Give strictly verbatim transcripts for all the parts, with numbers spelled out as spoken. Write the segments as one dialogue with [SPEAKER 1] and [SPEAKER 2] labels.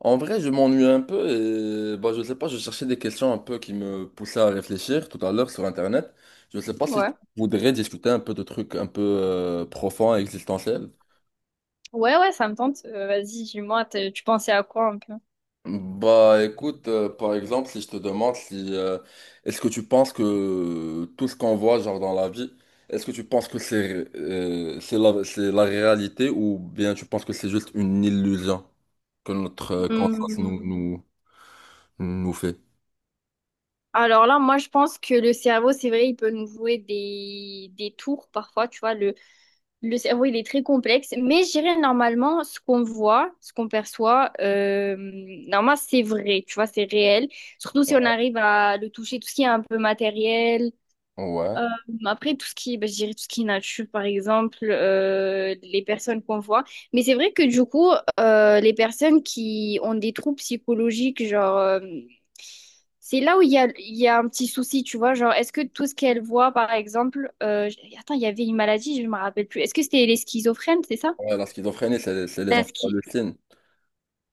[SPEAKER 1] En vrai, je m'ennuie un peu et bah, je sais pas, je cherchais des questions un peu qui me poussaient à réfléchir tout à l'heure sur Internet. Je sais pas si
[SPEAKER 2] Ouais.
[SPEAKER 1] tu voudrais discuter un peu de trucs un peu euh, profonds et existentiels.
[SPEAKER 2] Ouais, ouais, ça me tente. Euh, vas-y, dis-moi, t'es- tu pensais à quoi un peu?
[SPEAKER 1] Bah écoute, euh, par exemple, si je te demande si euh, est-ce que tu penses que tout ce qu'on voit genre dans la vie, est-ce que tu penses que c'est euh, c'est la, c'est la réalité ou bien tu penses que c'est juste une illusion que notre euh, conscience nous,
[SPEAKER 2] Hmm.
[SPEAKER 1] nous, nous fait?
[SPEAKER 2] Alors là, moi, je pense que le cerveau, c'est vrai, il peut nous jouer des, des tours parfois, tu vois. Le, le cerveau, il est très complexe, mais je dirais normalement, ce qu'on voit, ce qu'on perçoit, euh, normalement, c'est vrai, tu vois, c'est réel. Surtout si on arrive à le toucher, tout ce qui est un peu matériel.
[SPEAKER 1] Ouais.
[SPEAKER 2] Euh, Après, tout ce qui, bah, je dirais tout ce qui est nature, par exemple, euh, les personnes qu'on voit. Mais c'est vrai que du coup, euh, les personnes qui ont des troubles psychologiques, genre, euh, c'est là où il y a, il y a un petit souci, tu vois. Genre, est-ce que tout ce qu'elles voient, par exemple, euh, je- attends, il y avait une maladie, je me rappelle plus. Est-ce que c'était les schizophrènes, c'est ça?
[SPEAKER 1] Ouais, la schizophrénie, c'est c'est les
[SPEAKER 2] La
[SPEAKER 1] gens qui
[SPEAKER 2] schi-
[SPEAKER 1] hallucinent.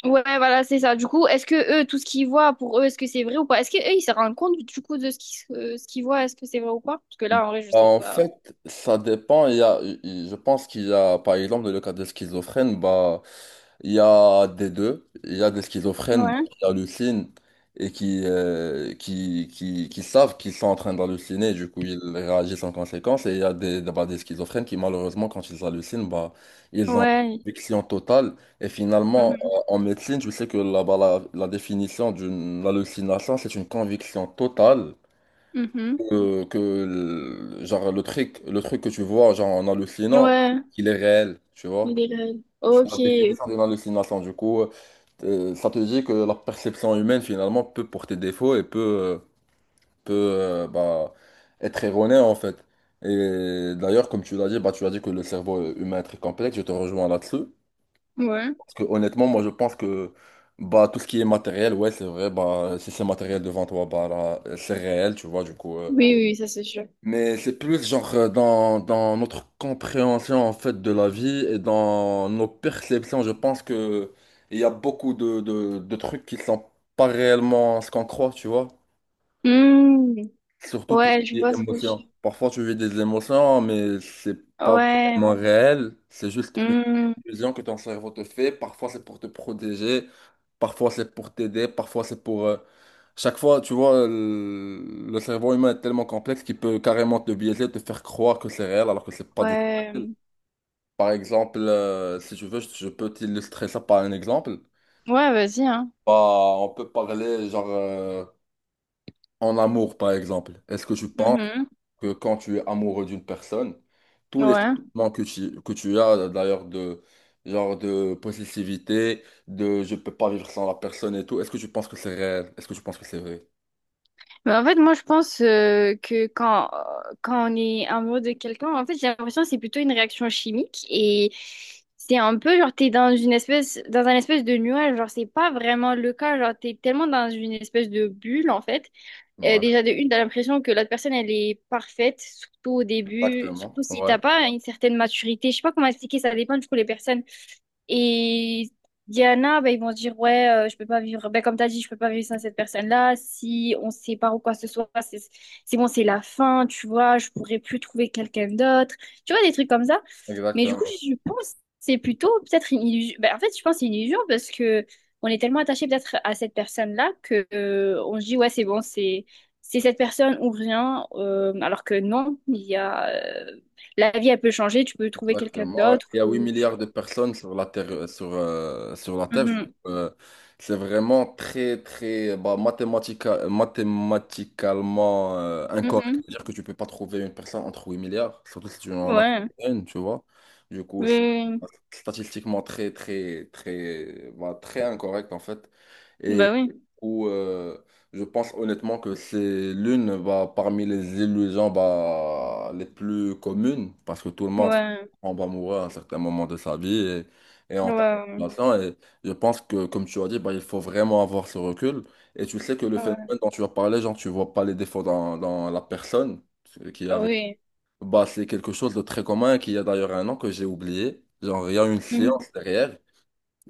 [SPEAKER 2] Ouais, voilà, c'est ça. Du coup, est-ce que eux, tout ce qu'ils voient, pour eux, est-ce que c'est vrai ou pas? Est-ce que eux, ils se rendent compte du coup de ce qu'ils euh, ce qu'ils voient, est-ce que c'est vrai ou pas? Parce que
[SPEAKER 1] Bah,
[SPEAKER 2] là, en vrai, je sais
[SPEAKER 1] en
[SPEAKER 2] pas.
[SPEAKER 1] fait, ça dépend. Il y a, il- Je pense qu'il y a, par exemple, dans le cas des schizophrènes, bah, il y a des deux. Il y a des schizophrènes bah,
[SPEAKER 2] Ouais.
[SPEAKER 1] qui hallucinent et qui, euh, qui, qui, qui savent qu'ils sont en train d'halluciner. Du coup, ils réagissent en conséquence. Et il y a des, bah, des schizophrènes qui, malheureusement, quand ils hallucinent, bah, ils ont une
[SPEAKER 2] Ouais.
[SPEAKER 1] conviction totale. Et finalement,
[SPEAKER 2] Mhm,
[SPEAKER 1] en en médecine, je sais que là-bas, la, la définition d'une hallucination, c'est une conviction totale
[SPEAKER 2] mhm.
[SPEAKER 1] que, que le- genre le truc le truc que tu vois genre en hallucinant,
[SPEAKER 2] Ouais,
[SPEAKER 1] il est réel, tu vois.
[SPEAKER 2] des règles.
[SPEAKER 1] C'est la
[SPEAKER 2] Ok.
[SPEAKER 1] définition d'une hallucination, du coup euh, ça te dit que la perception humaine finalement peut porter défaut et peut euh, peut euh, bah, être erronée en fait. Et d'ailleurs, comme tu l'as dit, bah, tu as dit que le cerveau humain est très complexe, je te rejoins là-dessus,
[SPEAKER 2] Ouais.
[SPEAKER 1] parce que honnêtement, moi, je pense que bah, tout ce qui est matériel, ouais, c'est vrai. Bah, si c'est matériel devant toi, bah là, c'est réel, tu vois, du coup euh,
[SPEAKER 2] Oui, oui, ça c'est sûr.
[SPEAKER 1] mais c'est plus genre euh, dans, dans notre compréhension en fait de la vie et dans nos perceptions. Je pense que il y a beaucoup de, de, de trucs qui sont pas réellement ce qu'on croit, tu vois.
[SPEAKER 2] Hmm.
[SPEAKER 1] Surtout tout
[SPEAKER 2] Ouais,
[SPEAKER 1] ce
[SPEAKER 2] je
[SPEAKER 1] qui est
[SPEAKER 2] vois ce que je...
[SPEAKER 1] émotion. Parfois tu vis des émotions, mais c'est pas
[SPEAKER 2] Ouais.
[SPEAKER 1] vraiment réel. C'est juste une
[SPEAKER 2] Hmm.
[SPEAKER 1] illusion que ton cerveau te fait. Parfois c'est pour te protéger, parfois c'est pour t'aider, parfois c'est pour euh, chaque fois, tu vois, le, le cerveau humain est tellement complexe qu'il peut carrément te biaiser, te faire croire que c'est réel alors que c'est pas du tout réel.
[SPEAKER 2] Ouais.
[SPEAKER 1] Par exemple, euh, si tu veux, je, je peux t'illustrer ça par un exemple.
[SPEAKER 2] Ouais, vas-y, hein.
[SPEAKER 1] Bah, on peut parler genre euh, en amour, par exemple. Est-ce que tu penses
[SPEAKER 2] Mhm.
[SPEAKER 1] que quand tu es amoureux d'une personne, tous les
[SPEAKER 2] Ouais.
[SPEAKER 1] sentiments que tu, que tu as d'ailleurs, de genre de possessivité, de je peux pas vivre sans la personne et tout, est-ce que tu penses que c'est réel? Est-ce que tu penses que c'est vrai?
[SPEAKER 2] Mais en fait, moi, je pense euh, que quand, quand on est amoureux de quelqu'un, en fait, j'ai l'impression que c'est plutôt une réaction chimique et c'est un peu genre, t'es dans une espèce, dans un espèce de nuage. Genre, c'est pas vraiment le cas. Genre, t'es tellement dans une espèce de bulle, en fait. Euh,
[SPEAKER 1] Ouais,
[SPEAKER 2] déjà, de une, t'as l'impression que l'autre personne, elle est parfaite, surtout au début, surtout
[SPEAKER 1] exactement.
[SPEAKER 2] si
[SPEAKER 1] Ouais.
[SPEAKER 2] t'as pas une certaine maturité. Je sais pas comment expliquer, ça dépend du coup les personnes. Et il y en a, ben, ils vont se dire, ouais, euh, je peux pas vivre, ben, comme tu as dit, je peux pas vivre sans cette personne-là. Si on se sépare ou quoi que ce soit, c'est c'est bon, c'est la fin, tu vois, je pourrais plus trouver quelqu'un d'autre. Tu vois, des trucs comme ça. Mais du coup,
[SPEAKER 1] Exactement,
[SPEAKER 2] je pense que c'est plutôt peut-être une illusion. Ben, en fait, je pense que c'est une illusion parce que on est tellement attaché peut-être à cette personne-là que euh, on se dit, ouais, c'est bon, c'est c'est cette personne ou rien. Euh, alors que non, il y a euh, la vie, elle peut changer, tu peux trouver quelqu'un
[SPEAKER 1] exactement, ouais.
[SPEAKER 2] d'autre.
[SPEAKER 1] Il y a huit
[SPEAKER 2] ou-
[SPEAKER 1] milliards de personnes sur la Terre, euh, sur, euh, sur la Terre.
[SPEAKER 2] Mhm.
[SPEAKER 1] Euh, c'est vraiment très, très, bah, mathématica- mathématicalement euh, incorrect
[SPEAKER 2] Mhm.
[SPEAKER 1] de dire que tu peux pas trouver une personne entre huit milliards, surtout si tu en as
[SPEAKER 2] Ouais,
[SPEAKER 1] une, tu vois. Du coup, c'est
[SPEAKER 2] oui,
[SPEAKER 1] statistiquement très, très, très, bah, très incorrect en fait.
[SPEAKER 2] oui,
[SPEAKER 1] Et
[SPEAKER 2] bah oui,
[SPEAKER 1] où euh, je pense honnêtement que c'est l'une, bah, parmi les illusions, bah, les plus communes, parce que tout le monde
[SPEAKER 2] ouais,
[SPEAKER 1] en va mourir à un certain moment de sa vie, et, et en tant que
[SPEAKER 2] ouais,
[SPEAKER 1] patient. Et je pense que, comme tu as dit, bah, il faut vraiment avoir ce recul. Et tu sais que le
[SPEAKER 2] ouais,
[SPEAKER 1] phénomène dont tu as parlé, genre, tu vois pas les défauts dans, dans la personne qui est
[SPEAKER 2] ouais,
[SPEAKER 1] avec.
[SPEAKER 2] oui.
[SPEAKER 1] Bah, c'est quelque chose de très commun et qui a d'ailleurs un nom que j'ai oublié. Genre, il y a une
[SPEAKER 2] Mhm.
[SPEAKER 1] science derrière.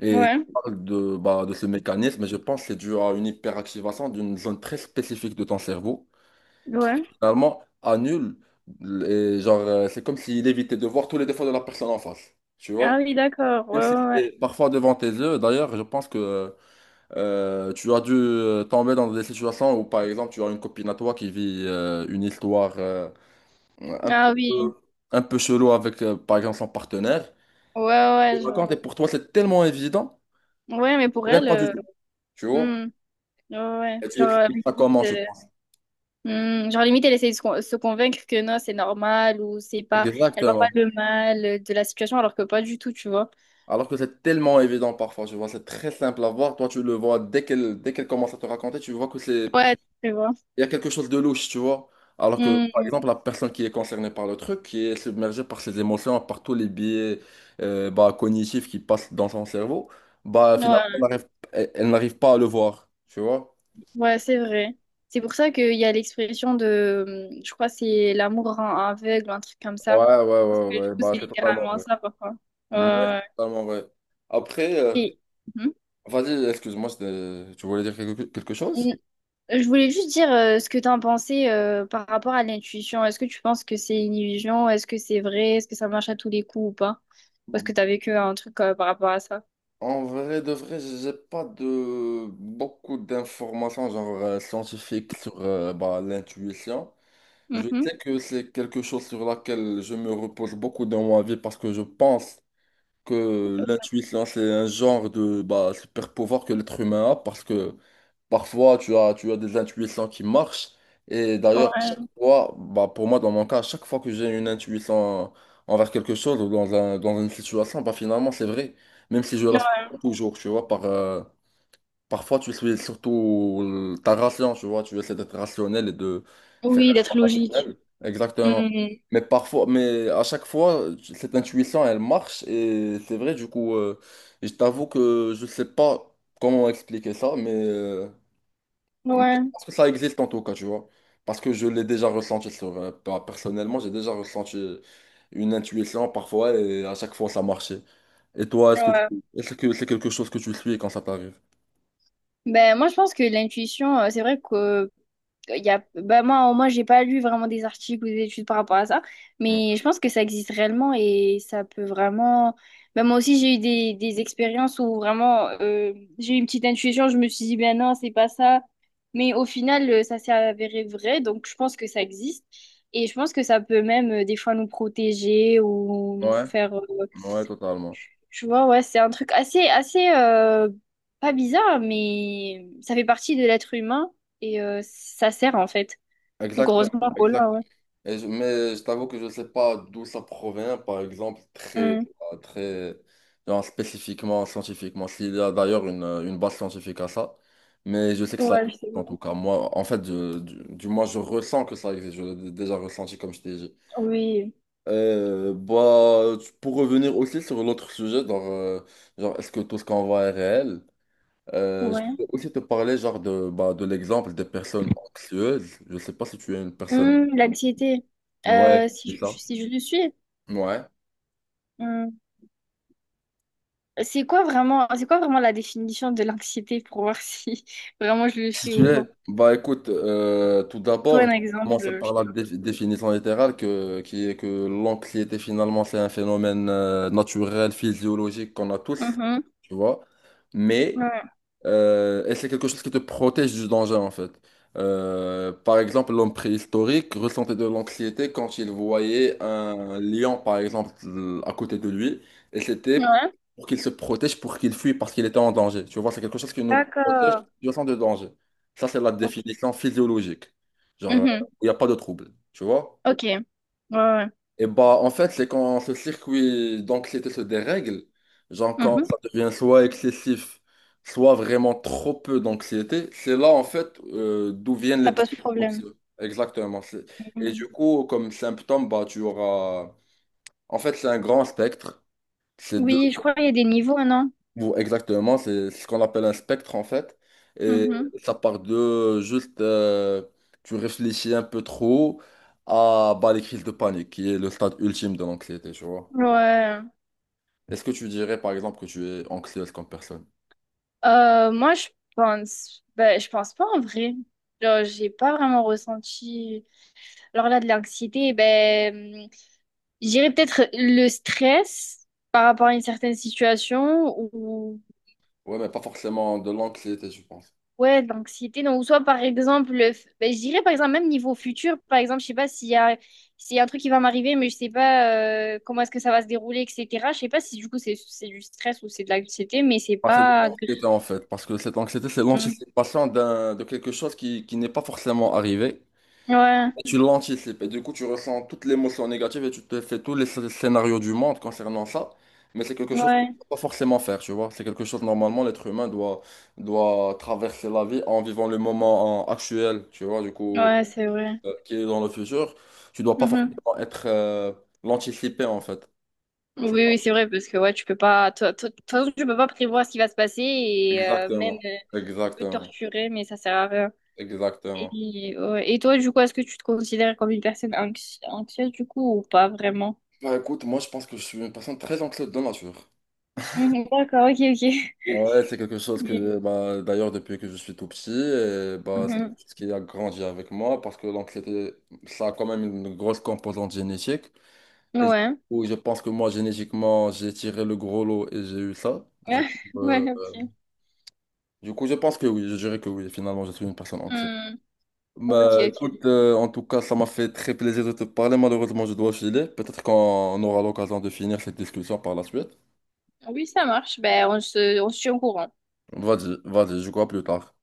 [SPEAKER 1] Et il
[SPEAKER 2] Ouais,
[SPEAKER 1] parle de, bah, de ce mécanisme, et je pense que c'est dû à une hyperactivation d'une zone très spécifique de ton cerveau,
[SPEAKER 2] ouais,
[SPEAKER 1] finalement annule, et genre, euh, c'est comme s'il évitait de voir tous les défauts de la personne en face, tu
[SPEAKER 2] ah
[SPEAKER 1] vois?
[SPEAKER 2] oui, d'accord,
[SPEAKER 1] Même
[SPEAKER 2] ouais,
[SPEAKER 1] si
[SPEAKER 2] ouais, ouais.
[SPEAKER 1] c'est parfois devant tes yeux, d'ailleurs, je pense que euh, tu as dû euh, tomber dans des situations où, par exemple, tu as une copine à toi qui vit euh, une histoire euh, un
[SPEAKER 2] Ah
[SPEAKER 1] peu,
[SPEAKER 2] oui,
[SPEAKER 1] un peu chelou avec, euh, par exemple, son partenaire.
[SPEAKER 2] ouais,
[SPEAKER 1] Tu
[SPEAKER 2] ouais,
[SPEAKER 1] le
[SPEAKER 2] genre,
[SPEAKER 1] racontes, et pour toi, c'est tellement évident.
[SPEAKER 2] ouais, mais pour
[SPEAKER 1] Pour elle,
[SPEAKER 2] elle,
[SPEAKER 1] pas du
[SPEAKER 2] euh,
[SPEAKER 1] tout, tu vois?
[SPEAKER 2] hmm, ouais, ouais.
[SPEAKER 1] Et tu
[SPEAKER 2] Genre, euh,
[SPEAKER 1] expliques ça
[SPEAKER 2] limite,
[SPEAKER 1] comment, je
[SPEAKER 2] euh,
[SPEAKER 1] pense.
[SPEAKER 2] hmm, genre, limite, elle essaie de se, con- se convaincre que non, c'est normal, ou c'est pas, elle voit pas
[SPEAKER 1] Exactement.
[SPEAKER 2] le mal euh, de la situation, alors que pas du tout, tu vois,
[SPEAKER 1] Alors que c'est tellement évident parfois, je vois, c'est très simple à voir. Toi, tu le vois dès qu'elle dès qu'elle commence à te raconter, tu vois que c'est
[SPEAKER 2] ouais, tu vois.
[SPEAKER 1] il y a quelque chose de louche, tu vois. Alors que, par
[SPEAKER 2] Hmm,
[SPEAKER 1] exemple, la personne qui est concernée par le truc, qui est submergée par ses émotions, par tous les biais euh, bah, cognitifs, qui passent dans son cerveau, bah finalement, elle
[SPEAKER 2] ouais.
[SPEAKER 1] n'arrive elle- elle n'arrive pas à le voir, tu vois.
[SPEAKER 2] Ouais, c'est vrai. C'est pour ça qu'il y a l'expression de, hum, je crois, que c'est l'amour rend aveugle, ou un truc comme ça.
[SPEAKER 1] Ouais, ouais,
[SPEAKER 2] Parce
[SPEAKER 1] ouais,
[SPEAKER 2] que du
[SPEAKER 1] ouais,
[SPEAKER 2] coup,
[SPEAKER 1] bah
[SPEAKER 2] c'est
[SPEAKER 1] c'est totalement
[SPEAKER 2] littéralement
[SPEAKER 1] vrai.
[SPEAKER 2] ça, parfois.
[SPEAKER 1] Ouais, c'est
[SPEAKER 2] Euh,
[SPEAKER 1] totalement vrai. Après, euh,
[SPEAKER 2] et, Mhm.
[SPEAKER 1] vas-y, excuse-moi, c'était- tu voulais dire quelque quelque chose?
[SPEAKER 2] N- Je voulais juste dire euh, ce que tu en pensais euh, par rapport à l'intuition. Est-ce que tu penses que c'est une illusion? Est-ce que c'est vrai? Est-ce que ça marche à tous les coups ou pas? Ou est-ce que tu as vécu un truc euh, par rapport à ça?
[SPEAKER 1] En vrai de vrai, j'ai pas de beaucoup d'informations genre euh, scientifiques sur euh, bah, l'intuition. Je
[SPEAKER 2] Mhm.
[SPEAKER 1] sais que c'est quelque chose sur laquelle je me repose beaucoup dans ma vie, parce que je pense que l'intuition, c'est un genre de, bah, super pouvoir que l'être humain a, parce que parfois tu as, tu as des intuitions qui marchent. Et d'ailleurs, à chaque
[SPEAKER 2] Ouais.
[SPEAKER 1] fois, bah, pour moi, dans mon cas, à chaque fois que j'ai une intuition envers quelque chose ou dans un, dans une situation, bah, finalement, c'est vrai. Même si je la suis
[SPEAKER 2] Ouais.
[SPEAKER 1] pas toujours, tu vois, par, euh, parfois, tu suis surtout euh, ta ration, tu vois, tu essaies d'être rationnel et de faire
[SPEAKER 2] Oui,
[SPEAKER 1] un choix
[SPEAKER 2] d'être logique.
[SPEAKER 1] rationnel. Exactement.
[SPEAKER 2] Mhm.
[SPEAKER 1] Mais parfois, mais à chaque fois, tu- cette intuition, elle marche et c'est vrai, du coup, euh, je t'avoue que je sais pas comment expliquer ça, mais, euh, mais je
[SPEAKER 2] Ouais.
[SPEAKER 1] pense que ça existe en tout cas, tu vois. Parce que je l'ai déjà ressenti sur, euh, pas- personnellement, j'ai déjà ressenti une intuition parfois et à chaque fois, ça marchait. Et toi, est-ce que tu-
[SPEAKER 2] Ouais.
[SPEAKER 1] est-ce que c'est quelque chose que tu suis quand ça t'arrive?
[SPEAKER 2] Ben, moi, je pense que l'intuition, euh, c'est vrai que il y a, bah moi, moi, j'ai pas lu vraiment des articles ou des études par rapport à ça,
[SPEAKER 1] Ouais.
[SPEAKER 2] mais je pense que ça existe réellement et ça peut vraiment. Bah, moi aussi, j'ai eu des, des expériences où vraiment euh, j'ai eu une petite intuition, je me suis dit, ben non, c'est pas ça. Mais au final, euh, ça s'est avéré vrai, donc je pense que ça existe. Et je pense que ça peut même euh, des fois nous protéger ou nous
[SPEAKER 1] Ouais.
[SPEAKER 2] faire. Euh,
[SPEAKER 1] Ouais, totalement.
[SPEAKER 2] je vois, ouais, c'est un truc assez, assez euh, pas bizarre, mais ça fait partie de l'être humain et euh, ça sert en fait. Donc
[SPEAKER 1] Exactement,
[SPEAKER 2] heureusement qu'on
[SPEAKER 1] exact.
[SPEAKER 2] l'a, ouais.
[SPEAKER 1] Et je- mais je t'avoue que je ne sais pas d'où ça provient, par exemple, très,
[SPEAKER 2] Mm.
[SPEAKER 1] euh, très, genre spécifiquement, scientifiquement. S'il y a d'ailleurs une, euh, une base scientifique à ça, mais je sais que ça
[SPEAKER 2] Ouais,
[SPEAKER 1] existe,
[SPEAKER 2] je sais
[SPEAKER 1] en
[SPEAKER 2] pas.
[SPEAKER 1] tout cas. Moi, en fait, je- du, du moins, je ressens que ça existe. Je l'ai déjà ressenti, comme je t'ai dit.
[SPEAKER 2] Oui,
[SPEAKER 1] Euh, bah, tu- pour revenir aussi sur l'autre sujet, genre, euh, genre est-ce que tout ce qu'on voit est réel? Euh, je
[SPEAKER 2] ouais.
[SPEAKER 1] voulais aussi te parler genre de, bah, de l'exemple des personnes anxieuses. Je sais pas si tu es une personne.
[SPEAKER 2] Mm, l'anxiété.
[SPEAKER 1] Ouais,
[SPEAKER 2] Euh,
[SPEAKER 1] c'est
[SPEAKER 2] si
[SPEAKER 1] ça.
[SPEAKER 2] je, si je le suis.
[SPEAKER 1] Ouais.
[SPEAKER 2] Mm. C'est quoi vraiment, c'est quoi vraiment la définition de l'anxiété pour voir si vraiment je le
[SPEAKER 1] Si
[SPEAKER 2] suis
[SPEAKER 1] tu
[SPEAKER 2] ou pas?
[SPEAKER 1] es, bah écoute, euh, tout d'abord,
[SPEAKER 2] Toi,
[SPEAKER 1] je
[SPEAKER 2] un
[SPEAKER 1] vais
[SPEAKER 2] exemple,
[SPEAKER 1] commencer
[SPEAKER 2] euh,
[SPEAKER 1] par
[SPEAKER 2] je sais
[SPEAKER 1] la
[SPEAKER 2] pas.
[SPEAKER 1] dé- définition littérale que, qui est que l'anxiété, finalement, c'est un phénomène euh, naturel, physiologique, qu'on a tous,
[SPEAKER 2] Mhm.
[SPEAKER 1] tu vois. Mais
[SPEAKER 2] Ouais.
[SPEAKER 1] Euh, et c'est quelque chose qui te protège du danger en fait. Euh, par exemple, l'homme préhistorique ressentait de l'anxiété quand il voyait un lion, par exemple, à côté de lui, et c'était
[SPEAKER 2] Ouais.
[SPEAKER 1] pour qu'il se protège, pour qu'il fuit, parce qu'il était en danger. Tu vois, c'est quelque chose qui nous protège
[SPEAKER 2] D'accord.
[SPEAKER 1] du sens de danger. Ça, c'est la
[SPEAKER 2] Ok.
[SPEAKER 1] définition physiologique. Genre, euh,
[SPEAKER 2] Mhm.
[SPEAKER 1] il n'y a pas de trouble. Tu vois?
[SPEAKER 2] Ok. Ouais, ouais.
[SPEAKER 1] Et bah, en fait, c'est quand ce circuit d'anxiété se dérègle, genre quand
[SPEAKER 2] Mhm.
[SPEAKER 1] ça devient soit excessif, soit vraiment trop peu d'anxiété, c'est là, en fait, euh, d'où viennent
[SPEAKER 2] Ça
[SPEAKER 1] les
[SPEAKER 2] pose
[SPEAKER 1] troubles
[SPEAKER 2] problème.
[SPEAKER 1] anxieux. Exactement. c'est- Et
[SPEAKER 2] Mhm.
[SPEAKER 1] du coup, comme symptôme, bah, tu auras. En fait, c'est un grand spectre. C'est deux,
[SPEAKER 2] Oui, je crois qu'il y a des niveaux, non?
[SPEAKER 1] ou exactement, c'est ce qu'on appelle un spectre, en fait. Et
[SPEAKER 2] Mhm.
[SPEAKER 1] ça part de juste, euh, tu réfléchis un peu trop à, bah, les crises de panique, qui est le stade ultime de l'anxiété, tu vois.
[SPEAKER 2] Ouais.
[SPEAKER 1] Est-ce que tu dirais, par exemple, que tu es anxieuse comme personne?
[SPEAKER 2] Euh, moi, je pense, ben, je pense pas en vrai. Genre, j'ai pas vraiment ressenti. Alors là, de l'anxiété, ben, j'irais peut-être le stress par rapport à une certaine situation ou
[SPEAKER 1] Ouais, mais pas forcément de l'anxiété, je pense.
[SPEAKER 2] ouais, de l'anxiété. Donc, soit par exemple, le f- ben, je dirais par exemple même niveau futur, par exemple, je sais pas s'il y a s'il y a un truc qui va m'arriver, mais je sais pas euh, comment est-ce que ça va se dérouler, et cetera. Je sais pas si du coup c'est c'est du stress ou c'est de l'anxiété, mais c'est
[SPEAKER 1] Ah, c'est de
[SPEAKER 2] pas. gr-
[SPEAKER 1] l'anxiété en fait, parce que cette anxiété, c'est
[SPEAKER 2] Mm.
[SPEAKER 1] l'anticipation d'un, de quelque chose qui, qui n'est pas forcément arrivé.
[SPEAKER 2] Ouais,
[SPEAKER 1] Et tu l'anticipes, et du coup, tu ressens toute l'émotion négative et tu te fais tous les sc- scénarios du monde concernant ça. Mais c'est quelque chose que tu
[SPEAKER 2] ouais,
[SPEAKER 1] ne peux pas forcément faire, tu vois. C'est quelque chose, normalement, l'être humain doit, doit traverser la vie en vivant le moment en- actuel, tu vois, du coup,
[SPEAKER 2] ouais, c'est vrai.
[SPEAKER 1] euh, qui est dans le futur. Tu dois pas
[SPEAKER 2] Mm-hmm.
[SPEAKER 1] forcément être euh, l'anticiper en fait.
[SPEAKER 2] Oui,
[SPEAKER 1] Tu vois.
[SPEAKER 2] oui, c'est vrai, parce que ouais, tu peux pas. toi- toi- De toute façon, tu peux pas prévoir ce qui va se passer et euh, même
[SPEAKER 1] Exactement.
[SPEAKER 2] euh, peut te
[SPEAKER 1] Exactement.
[SPEAKER 2] torturer, mais ça sert à rien.
[SPEAKER 1] Exactement.
[SPEAKER 2] Et, ouais. Et toi, du coup, est-ce que tu te considères comme une personne anxi- anxieuse, du coup, ou pas vraiment?
[SPEAKER 1] Bah écoute, moi je pense que je suis une personne très anxieuse de nature.
[SPEAKER 2] Mhm, d'accord, ok, ok.
[SPEAKER 1] Ouais, c'est quelque chose
[SPEAKER 2] Oui.
[SPEAKER 1] que, bah, d'ailleurs, depuis que je suis tout petit, et, bah, c'est
[SPEAKER 2] Mhm.
[SPEAKER 1] quelque chose qui a grandi avec moi, parce que l'anxiété, ça a quand même une grosse composante génétique. Et du
[SPEAKER 2] Ouais.
[SPEAKER 1] coup, je pense que moi, génétiquement, j'ai tiré le gros lot et j'ai eu ça. Du coup, euh,
[SPEAKER 2] Ouais, ok.
[SPEAKER 1] du coup, je pense que oui, je dirais que oui, finalement, je suis une personne anxieuse.
[SPEAKER 2] Hmm, Ok,
[SPEAKER 1] Bah,
[SPEAKER 2] ok.
[SPEAKER 1] écoute, euh, en tout cas, ça m'a fait très plaisir de te parler. Malheureusement, je dois filer. Peut-être qu'on aura l'occasion de finir cette discussion par la suite.
[SPEAKER 2] Oui, ça marche. Ben, on se, on se tient au courant.
[SPEAKER 1] Vas-y, vas-y, je crois plus tard.